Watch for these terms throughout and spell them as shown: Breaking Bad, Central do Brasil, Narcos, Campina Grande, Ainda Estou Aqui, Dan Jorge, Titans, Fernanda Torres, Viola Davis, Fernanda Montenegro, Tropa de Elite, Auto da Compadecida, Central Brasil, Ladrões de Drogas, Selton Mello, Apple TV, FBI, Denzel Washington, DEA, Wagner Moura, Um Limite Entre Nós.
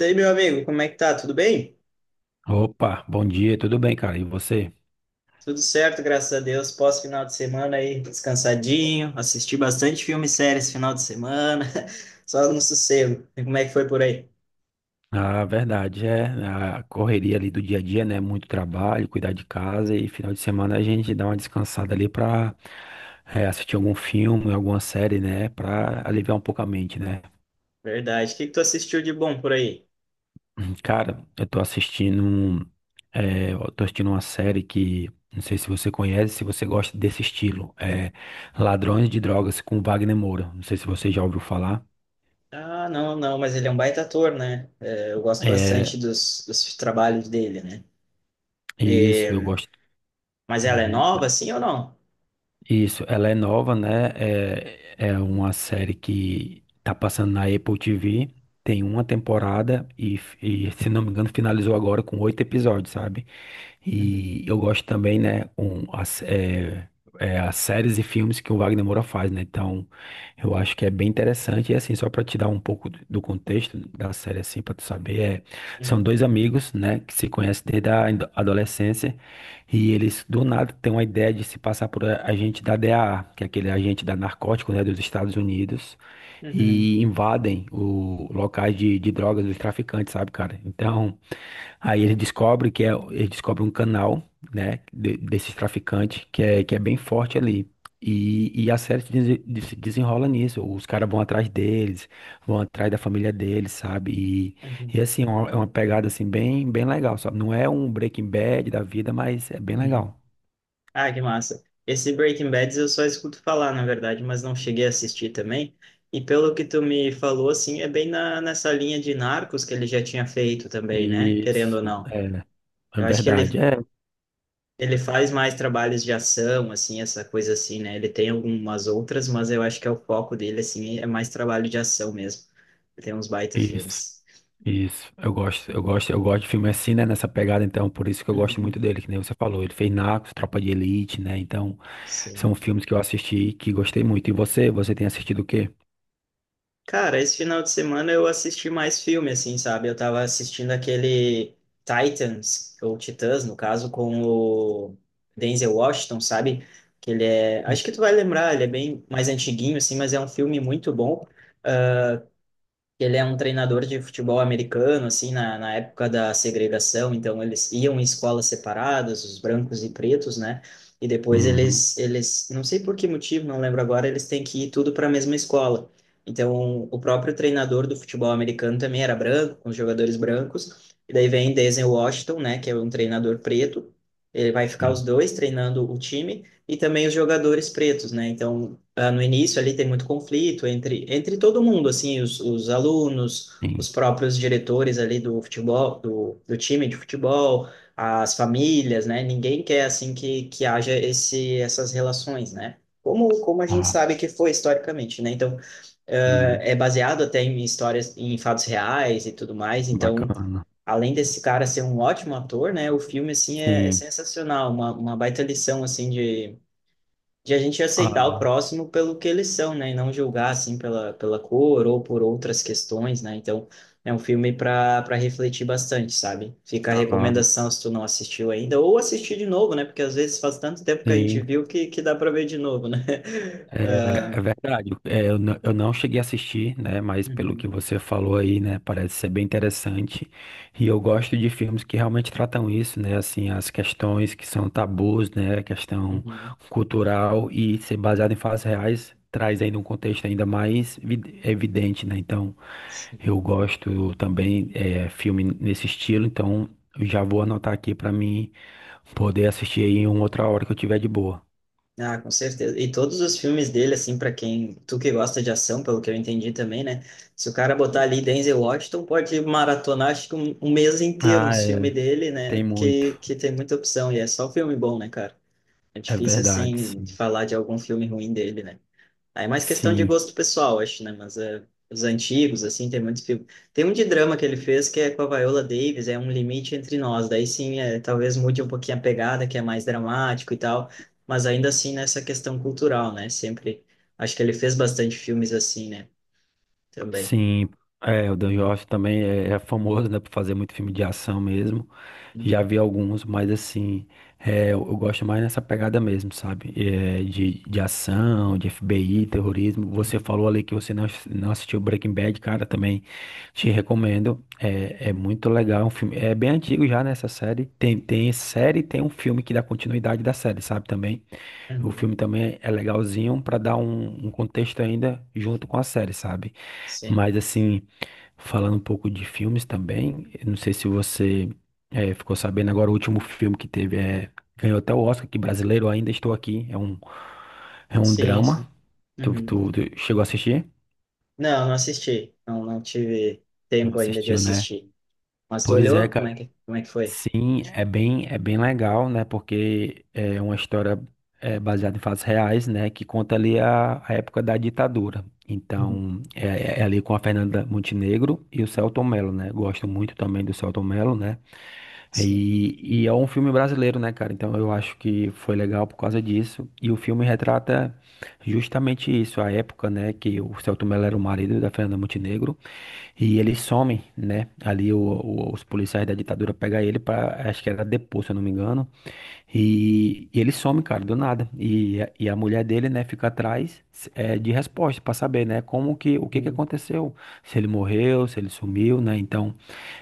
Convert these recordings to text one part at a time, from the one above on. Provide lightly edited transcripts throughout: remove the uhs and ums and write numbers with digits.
E aí, meu amigo, como é que tá? Tudo bem? Opa, bom dia, tudo bem, cara? E você? Tudo certo, graças a Deus. Pós-final de semana aí, descansadinho. Assisti bastante filme e série esse final de semana. Só no sossego. E como é que foi por aí? A verdade é a correria ali do dia a dia, né? Muito trabalho, cuidar de casa e final de semana a gente dá uma descansada ali pra assistir algum filme, alguma série, né? Pra aliviar um pouco a mente, né? Verdade. O que que tu assistiu de bom por aí? Cara, eu tô eu tô assistindo uma série que não sei se você conhece, se você gosta desse estilo, Ladrões de Drogas com Wagner Moura. Não sei se você já ouviu falar. Ah, não, não, mas ele é um baita ator, né? É, eu gosto bastante É dos trabalhos dele, né? isso, eu gosto. Mas ela é Uhum. nova, assim ou não? Isso, ela é nova, né? É uma série que tá passando na Apple TV. Tem uma temporada e, se não me engano, finalizou agora com oito episódios, sabe? Uhum, E eu gosto também, né? As séries e filmes que o Wagner Moura faz, né? Então, eu acho que é bem interessante. E assim, só para te dar um pouco do contexto da série, assim, para tu saber, é, são uhum, dois amigos, né? Que se conhecem desde a adolescência e eles do nada têm uma ideia de se passar por agente da DEA, que é aquele agente da narcótico, né, dos Estados Unidos, uhum, e invadem o locais de drogas dos traficantes, sabe, cara? Então, aí ele descobre ele descobre um canal, né, desses traficantes que é bem forte ali. E a série se desenrola nisso. Os caras vão atrás deles, vão atrás da família deles, sabe? Uhum, E assim, é uma pegada assim bem legal, sabe? Não é um Breaking Bad da vida, mas é bem uhum. legal. Ah, que massa. Esse Breaking Bad eu só escuto falar, na verdade, mas não cheguei a assistir também. E pelo que tu me falou, assim, é bem nessa linha de Narcos que ele já tinha feito também, né? Querendo ou Isso, não. é, é Eu acho que verdade, ele, ele faz mais trabalhos de ação, assim, essa coisa assim, né? Ele tem algumas outras, mas eu acho que é o foco dele, assim, é mais trabalho de ação mesmo. Ele tem uns baita isso, filmes. isso. Eu gosto, eu gosto, eu gosto de filme assim, né, nessa pegada, então, por isso que eu gosto muito Uhum, dele, que nem você falou, ele fez Narcos, Tropa de Elite, né? Então, sim. são filmes que eu assisti e que gostei muito. E você, você tem assistido o quê? Cara, esse final de semana eu assisti mais filme, assim, sabe? Eu tava assistindo aquele Titans, ou Titãs, no caso, com o Denzel Washington, sabe? Que ele é. Acho que tu vai lembrar, ele é bem mais antiguinho, assim, mas é um filme muito bom. Ele é um treinador de futebol americano, assim, na época da segregação, então eles iam em escolas separadas, os brancos e pretos, né? E depois Uhum, eles, não sei por que motivo, não lembro agora, eles têm que ir tudo para a mesma escola. Então, o próprio treinador do futebol americano também era branco, com os jogadores brancos. E daí vem Denzel Washington, né, que é um treinador preto. Ele vai ficar sim, os dois treinando o time e também os jogadores pretos, né? Então, ah, no início ali tem muito conflito entre todo mundo, assim, os alunos, os sim. próprios diretores ali do futebol, do time de futebol, as famílias, né? Ninguém quer, assim, que haja essas relações, né? Como a gente Ah, sabe que foi historicamente, né? Então, ah, sim, é baseado até em histórias, em fatos reais e tudo mais, então... bacana. Além desse cara ser um ótimo ator, né? O filme, assim, é Sim. sensacional. Uma baita lição, assim, de a gente aceitar o Ah, próximo pelo que eles são, né? E não julgar, assim, pela cor ou por outras questões, né? Então, é um filme para refletir bastante, sabe? Fica a ah, recomendação se tu não assistiu ainda, ou assistir de novo, né? Porque às vezes faz tanto tempo que a gente sim. viu que dá para ver de novo, né? Ah, É, é verdade. Eu não cheguei a assistir, né? Mas pelo que uhum, você falou aí, né? Parece ser bem interessante. E eu gosto de filmes que realmente tratam isso, né? Assim, as questões que são tabus, né? Questão uhum. cultural e ser baseado em fatos reais traz ainda um contexto ainda mais evidente, né? Então, eu gosto também filme nesse estilo. Então, eu já vou anotar aqui para mim poder assistir aí em outra hora que eu tiver de boa. Ah, com certeza. E todos os filmes dele, assim, pra quem, tu que gosta de ação, pelo que eu entendi também, né? Se o cara botar ali Denzel Washington, pode maratonar, acho que um mês inteiro Ah, os filmes é. dele, Tem né? muito. Que tem muita opção. E é só filme bom, né, cara? É É difícil, verdade, assim, sim. falar de algum filme ruim dele, né? Aí é mais questão de Sim, gosto pessoal, acho, né? Mas é, os antigos, assim, tem muitos filmes. Tem um de drama que ele fez que é com a Viola Davis, é Um Limite Entre Nós. Daí sim, é, talvez mude um pouquinho a pegada, que é mais dramático e tal. Mas ainda assim, nessa questão cultural, né? Sempre. Acho que ele fez bastante filmes assim, né? Também. sim. É, o Dan Jorge também é famoso, né, por fazer muito filme de ação mesmo. Já Uhum, vi alguns, mas assim, é, eu gosto mais nessa pegada mesmo, sabe? É, de ação, de FBI, terrorismo. Você uhum, falou ali que você não assistiu Breaking Bad, cara, também te recomendo. É, é muito legal, é um filme. É bem antigo já nessa série. Tem série, tem um filme que dá continuidade da série, sabe? Também. O uhum. filme também é legalzinho para dar um contexto ainda junto com a série, sabe? Sim, Mas assim, falando um pouco de filmes também, eu não sei se você ficou sabendo agora, o último filme que teve ganhou até o Oscar, que brasileiro ainda estou aqui. É um sim, drama. sim. Uhum. Tu chegou a assistir? Não, não assisti. Não, não tive Não tempo ainda de assistiu, né? assistir. Mas tu Pois é, olhou? Como cara. é que, como é que foi? Sim, Tipo, é bem legal, né? Porque é uma história é, baseada em fatos reais, né? Que conta ali a época da ditadura. uhum, Então, é, é ali com a Fernanda Montenegro e o Selton Mello, né? Gosto muito também do Selton Mello, né? sim. E é um filme brasileiro, né, cara? Então, eu acho que foi legal por causa disso. E o filme retrata justamente isso, a época, né, que o Celto Mello era o marido da Fernanda Montenegro e eles somem, né, ali os policiais da ditadura pegam ele para, acho que era depor, se eu não me engano, e ele some, cara, do nada, e a mulher dele, né, fica atrás de resposta para saber, né, como que, o que que Uhum. aconteceu, se ele morreu, se ele sumiu, né, então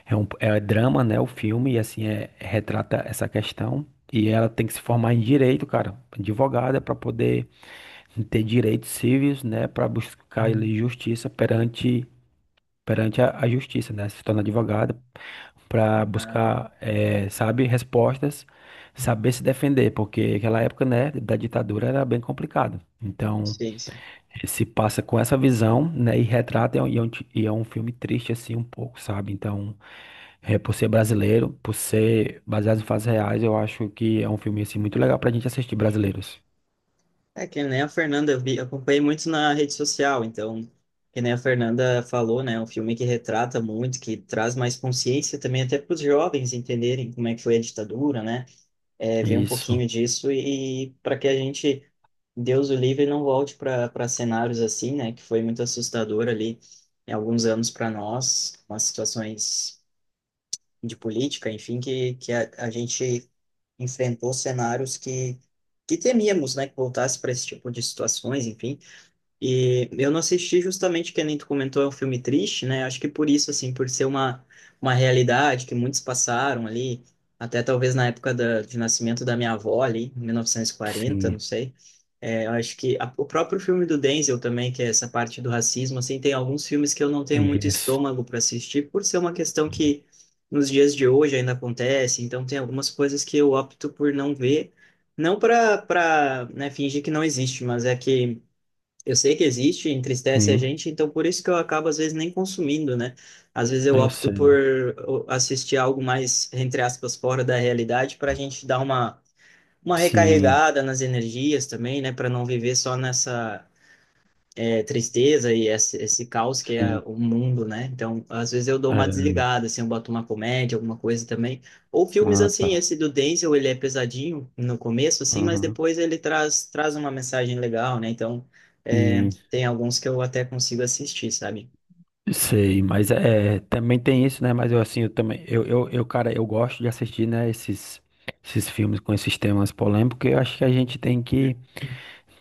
é drama, né, o filme, e assim, é, retrata essa questão. E ela tem que se formar em direito, cara, advogada, para poder ter direitos civis, né, para buscar Uhum. ali justiça perante a justiça, né, se tornar advogada para Ah, buscar, eh, sabe, respostas, saber se defender, porque aquela época, né, da ditadura era bem complicado. Então, sei, sei. se passa com essa visão, né, e retrata e é um filme triste assim um pouco, sabe? Então, eh, por ser brasileiro, por ser baseado em fatos reais, eu acho que é um filme assim muito legal pra gente assistir brasileiros. É que nem a Fernanda, eu vi, acompanhei muito na rede social, então, que nem a Fernanda falou, né, é um filme que retrata muito, que traz mais consciência também até para os jovens entenderem como é que foi a ditadura, né, é, ver um Isso. pouquinho disso e, para que a gente, Deus o livre, não volte para cenários assim, né, que foi muito assustador ali em alguns anos para nós, umas situações de política, enfim, que a gente enfrentou cenários que temíamos, né, que voltasse para esse tipo de situações, enfim. E eu não assisti justamente, que nem tu comentou, é um filme triste, né? Acho que por isso, assim, por ser uma realidade que muitos passaram ali, até talvez na época de nascimento da minha avó ali, em 1940, não Sim. sei. É, eu acho que o próprio filme do Denzel também, que é essa parte do racismo, assim, tem alguns filmes que eu não tenho muito Isso. estômago para assistir, por ser uma questão que nos dias de hoje ainda acontece, então tem algumas coisas que eu opto por não ver, não para, né, fingir que não existe, mas é que eu sei que existe, entristece a Sim, gente, então por isso que eu acabo às vezes nem consumindo, né? Às vezes eu eu opto por sei. Assistir algo mais, entre aspas, fora da realidade para a gente dar uma Sim, recarregada nas energias também, né? Para não viver só nessa tristeza e esse caos que é sim. o mundo, né? Então, às vezes eu dou uma É. desligada, assim, eu boto uma comédia, alguma coisa também. Ou filmes Ah, assim, tá. esse do Denzel, ele é pesadinho no começo, assim, mas Uhum. depois ele traz uma mensagem legal, né? Então, E tem alguns que eu até consigo assistir, sabe? sei, mas é, também tem isso, né? Mas eu assim, eu também, eu, cara, eu gosto de assistir, né, esses, esses filmes com esses temas polêmicos, porque eu acho que a gente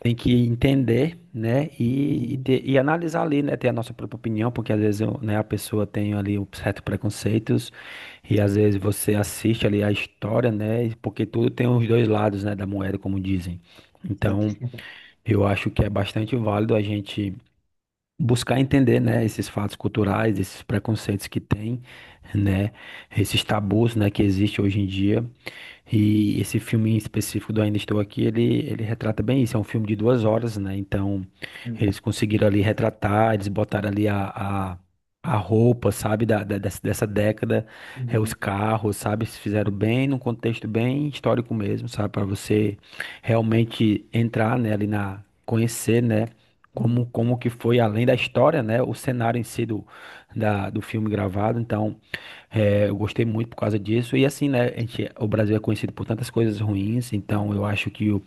tem que entender, né? Uhum, E analisar ali, né? Ter a nossa própria opinião, porque às vezes né, a pessoa tem ali um certo preconceitos e às vezes você assiste ali a história, né? E porque tudo tem os dois lados, né? Da moeda, como dizem. sim. Então, eu acho que é bastante válido a gente buscar entender, né? Esses fatos culturais, esses preconceitos que tem, né? Esses tabus, né? Que existe hoje em dia e esse filme em específico do Ainda Estou Aqui, ele retrata bem isso. É um filme de 2 horas, né? Então, Uhum, eles conseguiram ali retratar, eles botaram ali a roupa, sabe, dessa, dessa década, é, os uhum, carros, sabe? Se fizeram uhum, bem, num contexto bem histórico mesmo, sabe? Para você realmente entrar, né, ali na, conhecer, né? uhum. Como, como que foi, além da história, né? O cenário em si do filme gravado. Então. É, eu gostei muito por causa disso. E assim, né, a gente, o Brasil é conhecido por tantas coisas ruins, então eu acho que o-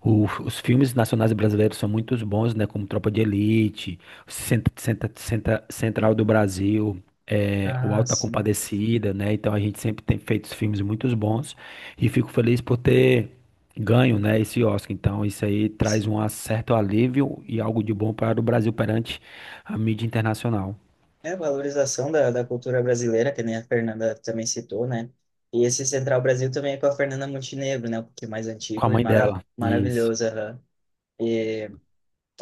o- os filmes nacionais brasileiros são muito bons, né, como Tropa de Elite, Central do Brasil, é, o Ah, Auto da sim. Compadecida, né, então a gente sempre tem feito filmes muito bons e fico feliz por ter ganho, né, esse Oscar. Então isso aí traz um certo alívio e algo de bom para o Brasil perante a mídia internacional. É a valorização da cultura brasileira, que nem a Fernanda também citou, né? E esse Central Brasil também é com a Fernanda Montenegro, né? Um pouquinho mais Com a antigo e mãe mara dela. Isso. maravilhoso. Aham. E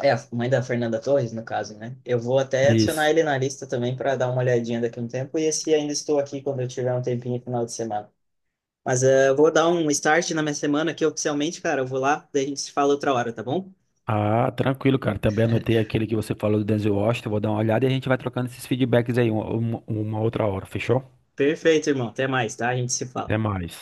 é a mãe da Fernanda Torres, no caso, né? Eu vou até adicionar Isso. ele na lista também para dar uma olhadinha daqui a um tempo. E esse ainda estou aqui quando eu tiver um tempinho no final de semana. Mas eu vou dar um start na minha semana aqui oficialmente, cara. Eu vou lá, daí a gente se fala outra hora, tá bom? Ah, tranquilo, cara. Também anotei aquele que você falou do Denzel Washington. Vou dar uma olhada e a gente vai trocando esses feedbacks aí uma outra hora, fechou? Perfeito, irmão. Até mais, tá? A gente se Até fala. mais.